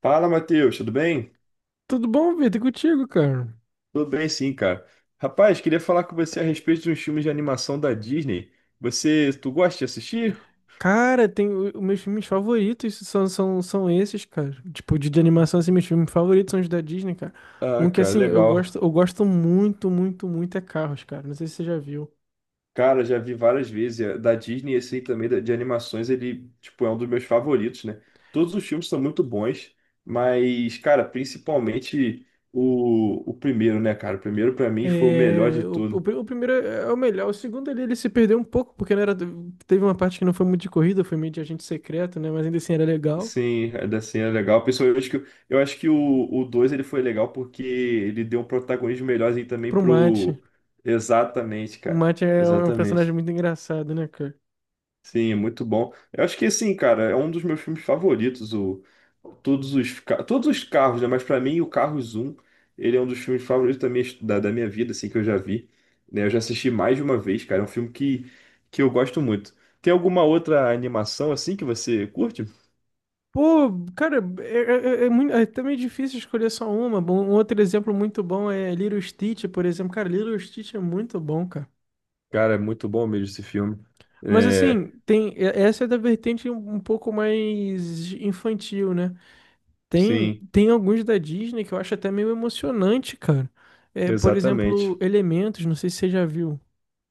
Fala, Matheus, tudo bem? Tudo bom, Vitor? E contigo, cara? Tudo bem, sim, cara. Rapaz, queria falar com você a respeito de uns filmes de animação da Disney. Você, tu gosta de assistir? Cara, os meus filmes favoritos são esses, cara. Tipo, de animação, assim, meus filmes favoritos são os da Disney, cara. Ah, Um que, cara, assim, eu legal. gosto, eu gosto muito, muito, muito é Carros, cara. Não sei se você já viu. Cara, já vi várias vezes. É, da Disney, esse aí também de animações, ele, tipo, é um dos meus favoritos, né? Todos os filmes são muito bons, mas, cara, principalmente o primeiro, né, cara? O primeiro, pra mim, foi o melhor de tudo. O primeiro é o melhor. O segundo ali, ele se perdeu um pouco, porque não era, teve uma parte que não foi muito de corrida, foi meio de agente secreto, né? Mas ainda assim era legal. Sim, é, da cena é legal. Pessoal, eu acho que o 2 ele foi legal porque ele deu um protagonismo melhorzinho também Pro Mate. pro. Exatamente, O cara. Mate é um personagem Exatamente. muito engraçado, né, cara? Sim, é muito bom. Eu acho que assim, cara, é um dos meus filmes favoritos. O, todos os, todos os carros, né? Mas pra mim, o Carros um ele é um dos filmes favoritos da minha, da minha vida, assim, que eu já vi. Né? Eu já assisti mais de uma vez, cara. É um filme que eu gosto muito. Tem alguma outra animação assim que você curte? Pô, cara, é muito, é também difícil escolher só uma. Bom, um outro exemplo muito bom é Little Stitch, por exemplo. Cara, Little Stitch é muito bom, cara. Cara, é muito bom mesmo esse filme. Mas É, assim, essa é da vertente um pouco mais infantil, né? Tem, sim, tem alguns da Disney que eu acho até meio emocionante, cara. É, por exatamente. exemplo, Elementos, não sei se você já viu.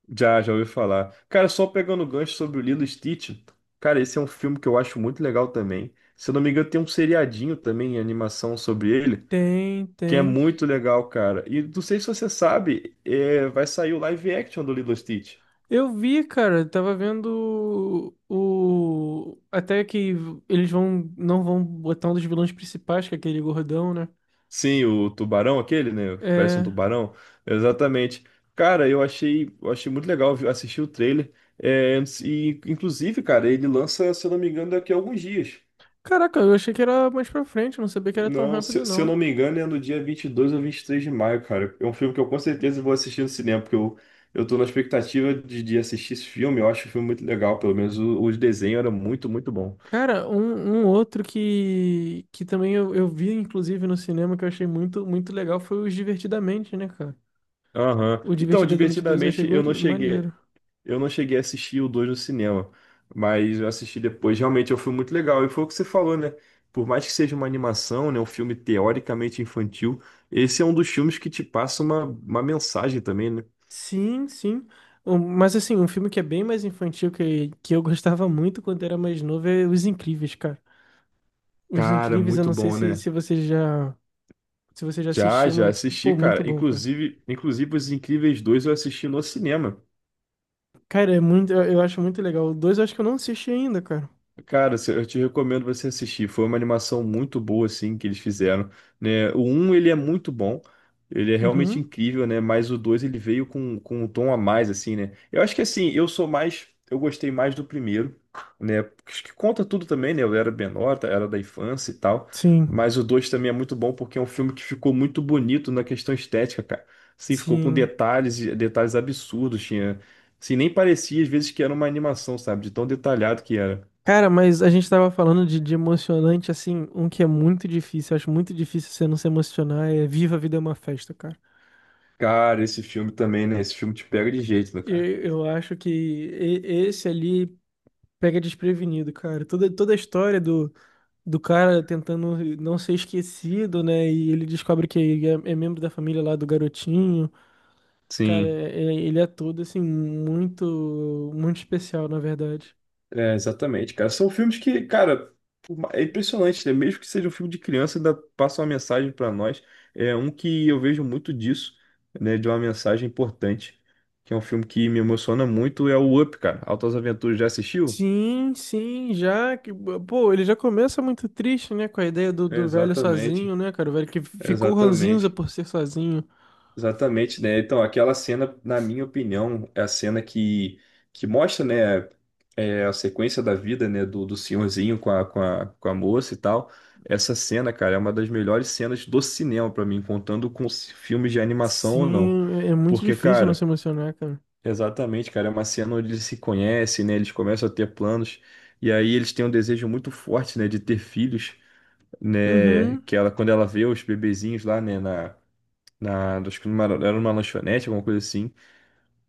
Já, já ouvi falar. Cara, só pegando o gancho sobre o Lilo e Stitch, cara, esse é um filme que eu acho muito legal também. Se eu não me engano, tem um seriadinho também em animação sobre ele, Tem, que é tem. muito legal, cara. E não sei se você sabe, é, vai sair o live action do Lilo e Stitch. Eu vi, cara, eu tava vendo até que eles vão não vão botar um dos vilões principais, que é aquele gordão, né? Sim, o tubarão aquele, né? Parece um É, tubarão. Exatamente. Cara, eu achei muito legal viu, assistir o trailer. É, e, inclusive, cara, ele lança, se eu não me engano, daqui a alguns dias. caraca, eu achei que era mais pra frente, eu não sabia que era tão Não, rápido se eu não. não me engano, é no dia 22 ou 23 de maio, cara. É um filme que eu com certeza vou assistir no cinema, porque eu tô na expectativa de assistir esse filme. Eu acho o filme muito legal, pelo menos o desenho era muito, muito bom. Cara, um outro que também eu vi inclusive no cinema que eu achei muito muito legal foi o Divertidamente, né, cara? Aham. O Então, Divertidamente 2 eu achei divertidamente, eu não cheguei. maneiro. Eu não cheguei a assistir o 2 no cinema, mas eu assisti depois. Realmente, é um filme muito legal. E foi o que você falou, né? Por mais que seja uma animação, né, um filme teoricamente infantil, esse é um dos filmes que te passa uma mensagem também, né? Sim, sim. Mas assim, um filme que é bem mais infantil que eu gostava muito quando era mais novo é Os Incríveis, cara. Os Cara, Incríveis, eu muito não sei bom, né? se você já se você já Já, assistiu, já mas assisti, pô, muito cara. bom, cara. Inclusive, inclusive Os Incríveis dois eu assisti no cinema. Cara, é muito, eu acho muito legal. O dois eu acho que eu não assisti ainda, cara. Cara, eu te recomendo você assistir. Foi uma animação muito boa, assim, que eles fizeram, né? O um ele é muito bom. Ele é realmente Uhum. incrível, né? Mas o 2 ele veio com um tom a mais, assim, né? Eu acho que, assim, eu sou mais... Eu gostei mais do primeiro, né? Acho que conta tudo também, né? Eu era menor, tá? Era da infância e tal. Sim. Mas o 2 também é muito bom porque é um filme que ficou muito bonito na questão estética, cara. Assim, ficou com Sim. detalhes, detalhes absurdos. Tinha... Assim, nem parecia, às vezes, que era uma animação, sabe? De tão detalhado que era. Cara, mas a gente tava falando de emocionante, assim, um que é muito difícil, eu acho muito difícil você não se emocionar, é Viva a Vida é uma Festa, cara. Cara, esse filme também, né? Esse filme te pega de jeito, né, cara? Eu acho que esse ali pega desprevenido, cara. Toda a história do cara tentando não ser esquecido, né? E ele descobre que é, é membro da família lá do garotinho. Cara, Sim, é, ele é todo assim, muito, muito especial, na verdade. é, exatamente, cara. São filmes que, cara, é impressionante, né? Mesmo que seja um filme de criança, ainda passa uma mensagem pra nós. É um que eu vejo muito disso, né? De uma mensagem importante, que é um filme que me emociona muito, é o Up, cara. Altas Aventuras, já assistiu? Sim, sim, já que, pô, ele já começa muito triste, né, com a ideia do velho Exatamente, sozinho, né, cara, o velho que ficou ranzinza exatamente. por ser sozinho. Exatamente, né? Então, aquela cena, na minha opinião, é a cena que mostra, né, é, a sequência da vida, né, do senhorzinho com a, com a, com a moça e tal. Essa cena, cara, é uma das melhores cenas do cinema pra mim, contando com os filmes de animação ou não. Sim, é é muito Porque, difícil não se cara, emocionar, cara. exatamente, cara, é uma cena onde eles se conhecem, né, eles começam a ter planos, e aí eles têm um desejo muito forte, né, de ter filhos, né, Uhum, que ela, quando ela vê os bebezinhos lá, né, na acho que numa, era numa lanchonete, alguma coisa assim.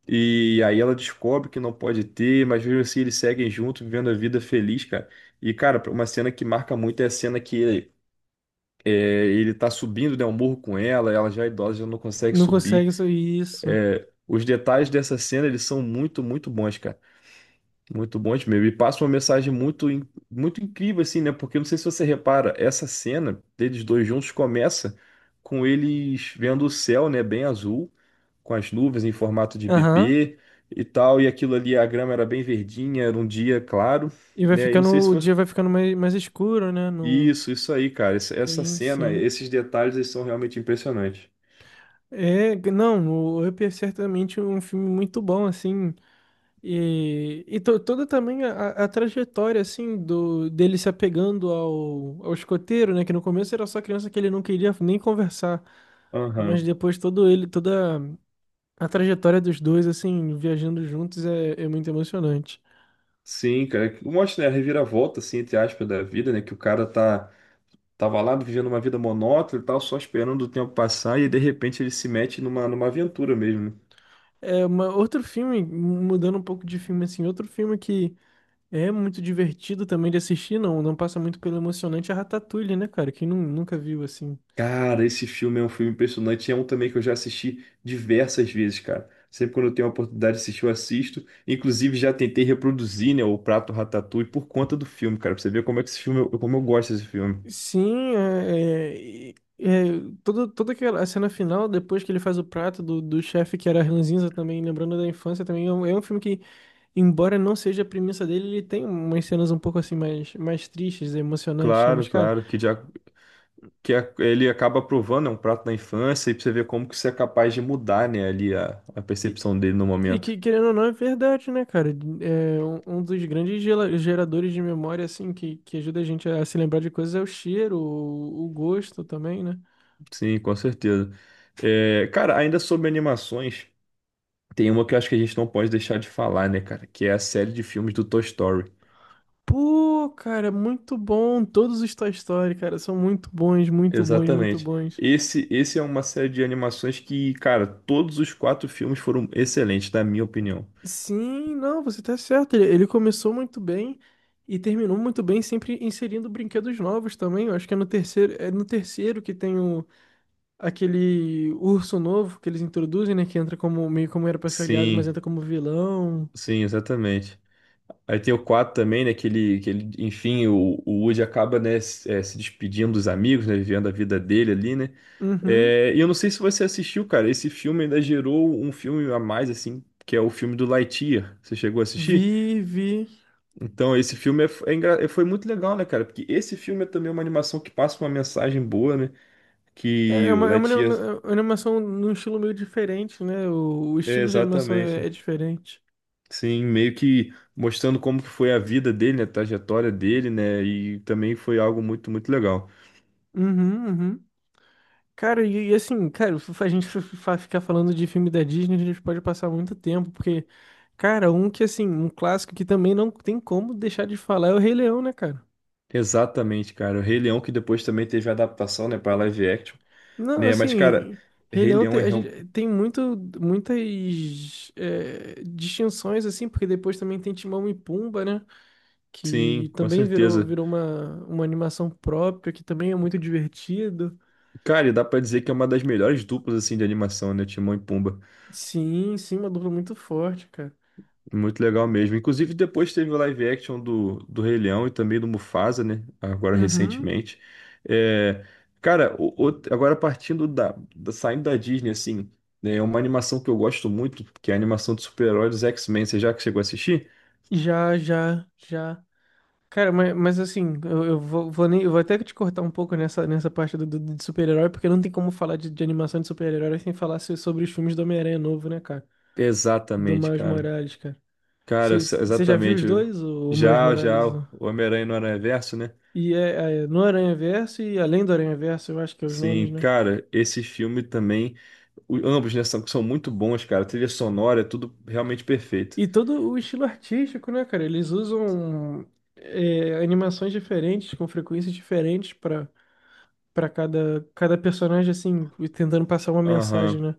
E aí ela descobre que não pode ter, mas mesmo assim eles seguem junto, vivendo a vida feliz, cara. E, cara, uma cena que marca muito é a cena que ele, é, ele tá subindo, né, um morro com ela, ela já é idosa, já não consegue não consegue subir. isso. Isso. É, os detalhes dessa cena, eles são muito, muito bons, cara. Muito bom, Edmil. E passa uma mensagem muito, muito incrível, assim, né? Porque eu não sei se você repara, essa cena deles dois juntos começa com eles vendo o céu, né? Bem azul, com as nuvens em formato de Aham. bebê e tal. E aquilo ali, a grama era bem verdinha, era um dia claro, E vai né? E não ficando, sei se o foi. dia vai ficando mais, mais escuro, né? Não. Isso aí, cara. Essa Sim, cena, sim. esses detalhes, eles são realmente impressionantes. É, não, o Up é certamente um filme muito bom, assim, e, toda também a trajetória, assim, do, dele se apegando ao, ao escoteiro, né, que no começo era só criança que ele não queria nem conversar, mas Aham. depois todo ele, toda a trajetória dos dois, assim, viajando juntos é muito emocionante. Sim, cara. Mostra, né, a reviravolta, assim, entre aspas, da vida, né? Que o cara tá. Tava lá vivendo uma vida monótona e tal, só esperando o tempo passar, e de repente ele se mete numa, numa aventura mesmo, né? Uma, outro filme, mudando um pouco de filme, assim, outro filme que é muito divertido também de assistir, não. Não passa muito pelo emocionante a Ratatouille, né, cara? Quem nunca viu assim. Cara, esse filme é um filme impressionante. É um também que eu já assisti diversas vezes, cara. Sempre quando eu tenho a oportunidade de assistir, eu assisto. Inclusive, já tentei reproduzir, né, o prato Ratatouille por conta do filme, cara. Pra você ver como é que esse filme, como eu gosto desse filme. Sim, toda, toda aquela a cena final, depois que ele faz o prato do chefe que era ranzinza também, lembrando da infância também, é é um filme que, embora não seja a premissa dele, ele tem umas cenas um pouco assim mais, mais tristes, emocionantes, né? Mas, Claro, cara, claro, que, já, ele acaba provando, é um prato da infância, e pra você ver como que você é capaz de mudar, né, ali a E, percepção dele no e que, momento. querendo ou não, é verdade, né, cara? É, um dos grandes geradores de memória, assim, que ajuda a gente a se lembrar de coisas é o cheiro, o gosto também, né? Sim, com certeza. É, cara, ainda sobre animações, tem uma que eu acho que a gente não pode deixar de falar, né, cara? Que é a série de filmes do Toy Story. Pô, cara, é muito bom. Todos os Toy Story, cara, são muito bons, muito bons, muito Exatamente. bons. Esse é uma série de animações que, cara, todos os 4 filmes foram excelentes, na minha opinião. Sim, não, você tá certo. Ele começou muito bem e terminou muito bem, sempre inserindo brinquedos novos também. Eu acho que é no terceiro que tem o aquele urso novo que eles introduzem, né? Que entra como meio como era pra ser aliado, mas Sim, entra como vilão. sim, exatamente. Aí tem o 4 também, né? Que ele enfim, o Woody acaba, né, se, se despedindo dos amigos, né? Vivendo a vida dele ali, né? Uhum. E eu não sei se você assistiu, cara. Esse filme ainda gerou um filme a mais, assim, que é o filme do Lightyear. Você chegou a assistir? Vi, vi. Então, esse filme é, foi muito legal, né, cara? Porque esse filme é também uma animação que passa uma mensagem boa, né? Que o É uma Lightyear. É uma animação num estilo meio diferente, né? O É, estilo de animação exatamente. É diferente. Sim, meio que mostrando como que foi a vida dele, né, a trajetória dele, né? E também foi algo muito, muito legal. Uhum, uhum. Cara, e assim, cara, a gente ficar falando de filme da Disney, a gente pode passar muito tempo, porque, cara, um que assim, um clássico que também não tem como deixar de falar é o Rei Leão, né, cara? Exatamente, cara. O Rei Leão que depois também teve adaptação, né, para live action, Não, né? Mas cara, assim, Rei Rei Leão Leão é a real... gente tem muito, muitas é, distinções, assim, porque depois também tem Timão e Pumba, né? Sim, Que com também virou, certeza. virou uma animação própria, que também é muito divertido. Cara, e dá pra dizer que é uma das melhores duplas assim de animação, né, Timão e Pumba. Sim, sim, uma dupla muito forte, cara. Muito legal mesmo. Inclusive depois teve o live action do, do Rei Leão e também do Mufasa, né? Agora Uhum. recentemente. É... Cara, agora partindo da, da saindo da Disney assim, né, é uma animação que eu gosto muito, que é a animação de super-heróis dos X-Men. Você já que chegou a assistir? Já, já, já. Cara, mas assim, eu vou, vou nem, eu vou até te cortar um pouco nessa, nessa parte de super-herói, porque não tem como falar de animação de super-herói sem falar sobre os filmes do Homem-Aranha novo, né, cara? Do Exatamente, Miles cara. Morales, cara. Cara, Você já viu os exatamente. dois, o Miles Já, Morales? já, o Homem-Aranha no Aranhaverso, né? E é, é no Aranhaverso e além do Aranhaverso, eu acho que é os Sim, nomes, né? cara, esse filme também, o- ambos, né, são, são muito bons, cara. A trilha sonora, é tudo realmente perfeito. E todo o estilo artístico, né, cara? Eles usam é, animações diferentes, com frequências diferentes pra para cada personagem, assim, e tentando passar uma mensagem, Aham, né?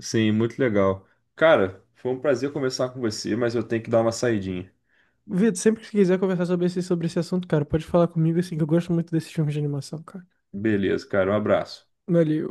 sim, muito legal. Cara, foi um prazer conversar com você, mas eu tenho que dar uma saidinha. Vitor, sempre que você quiser conversar sobre esse assunto, cara, pode falar comigo, assim, que eu gosto muito desses filmes de animação, cara. Beleza, cara, um abraço. Valeu.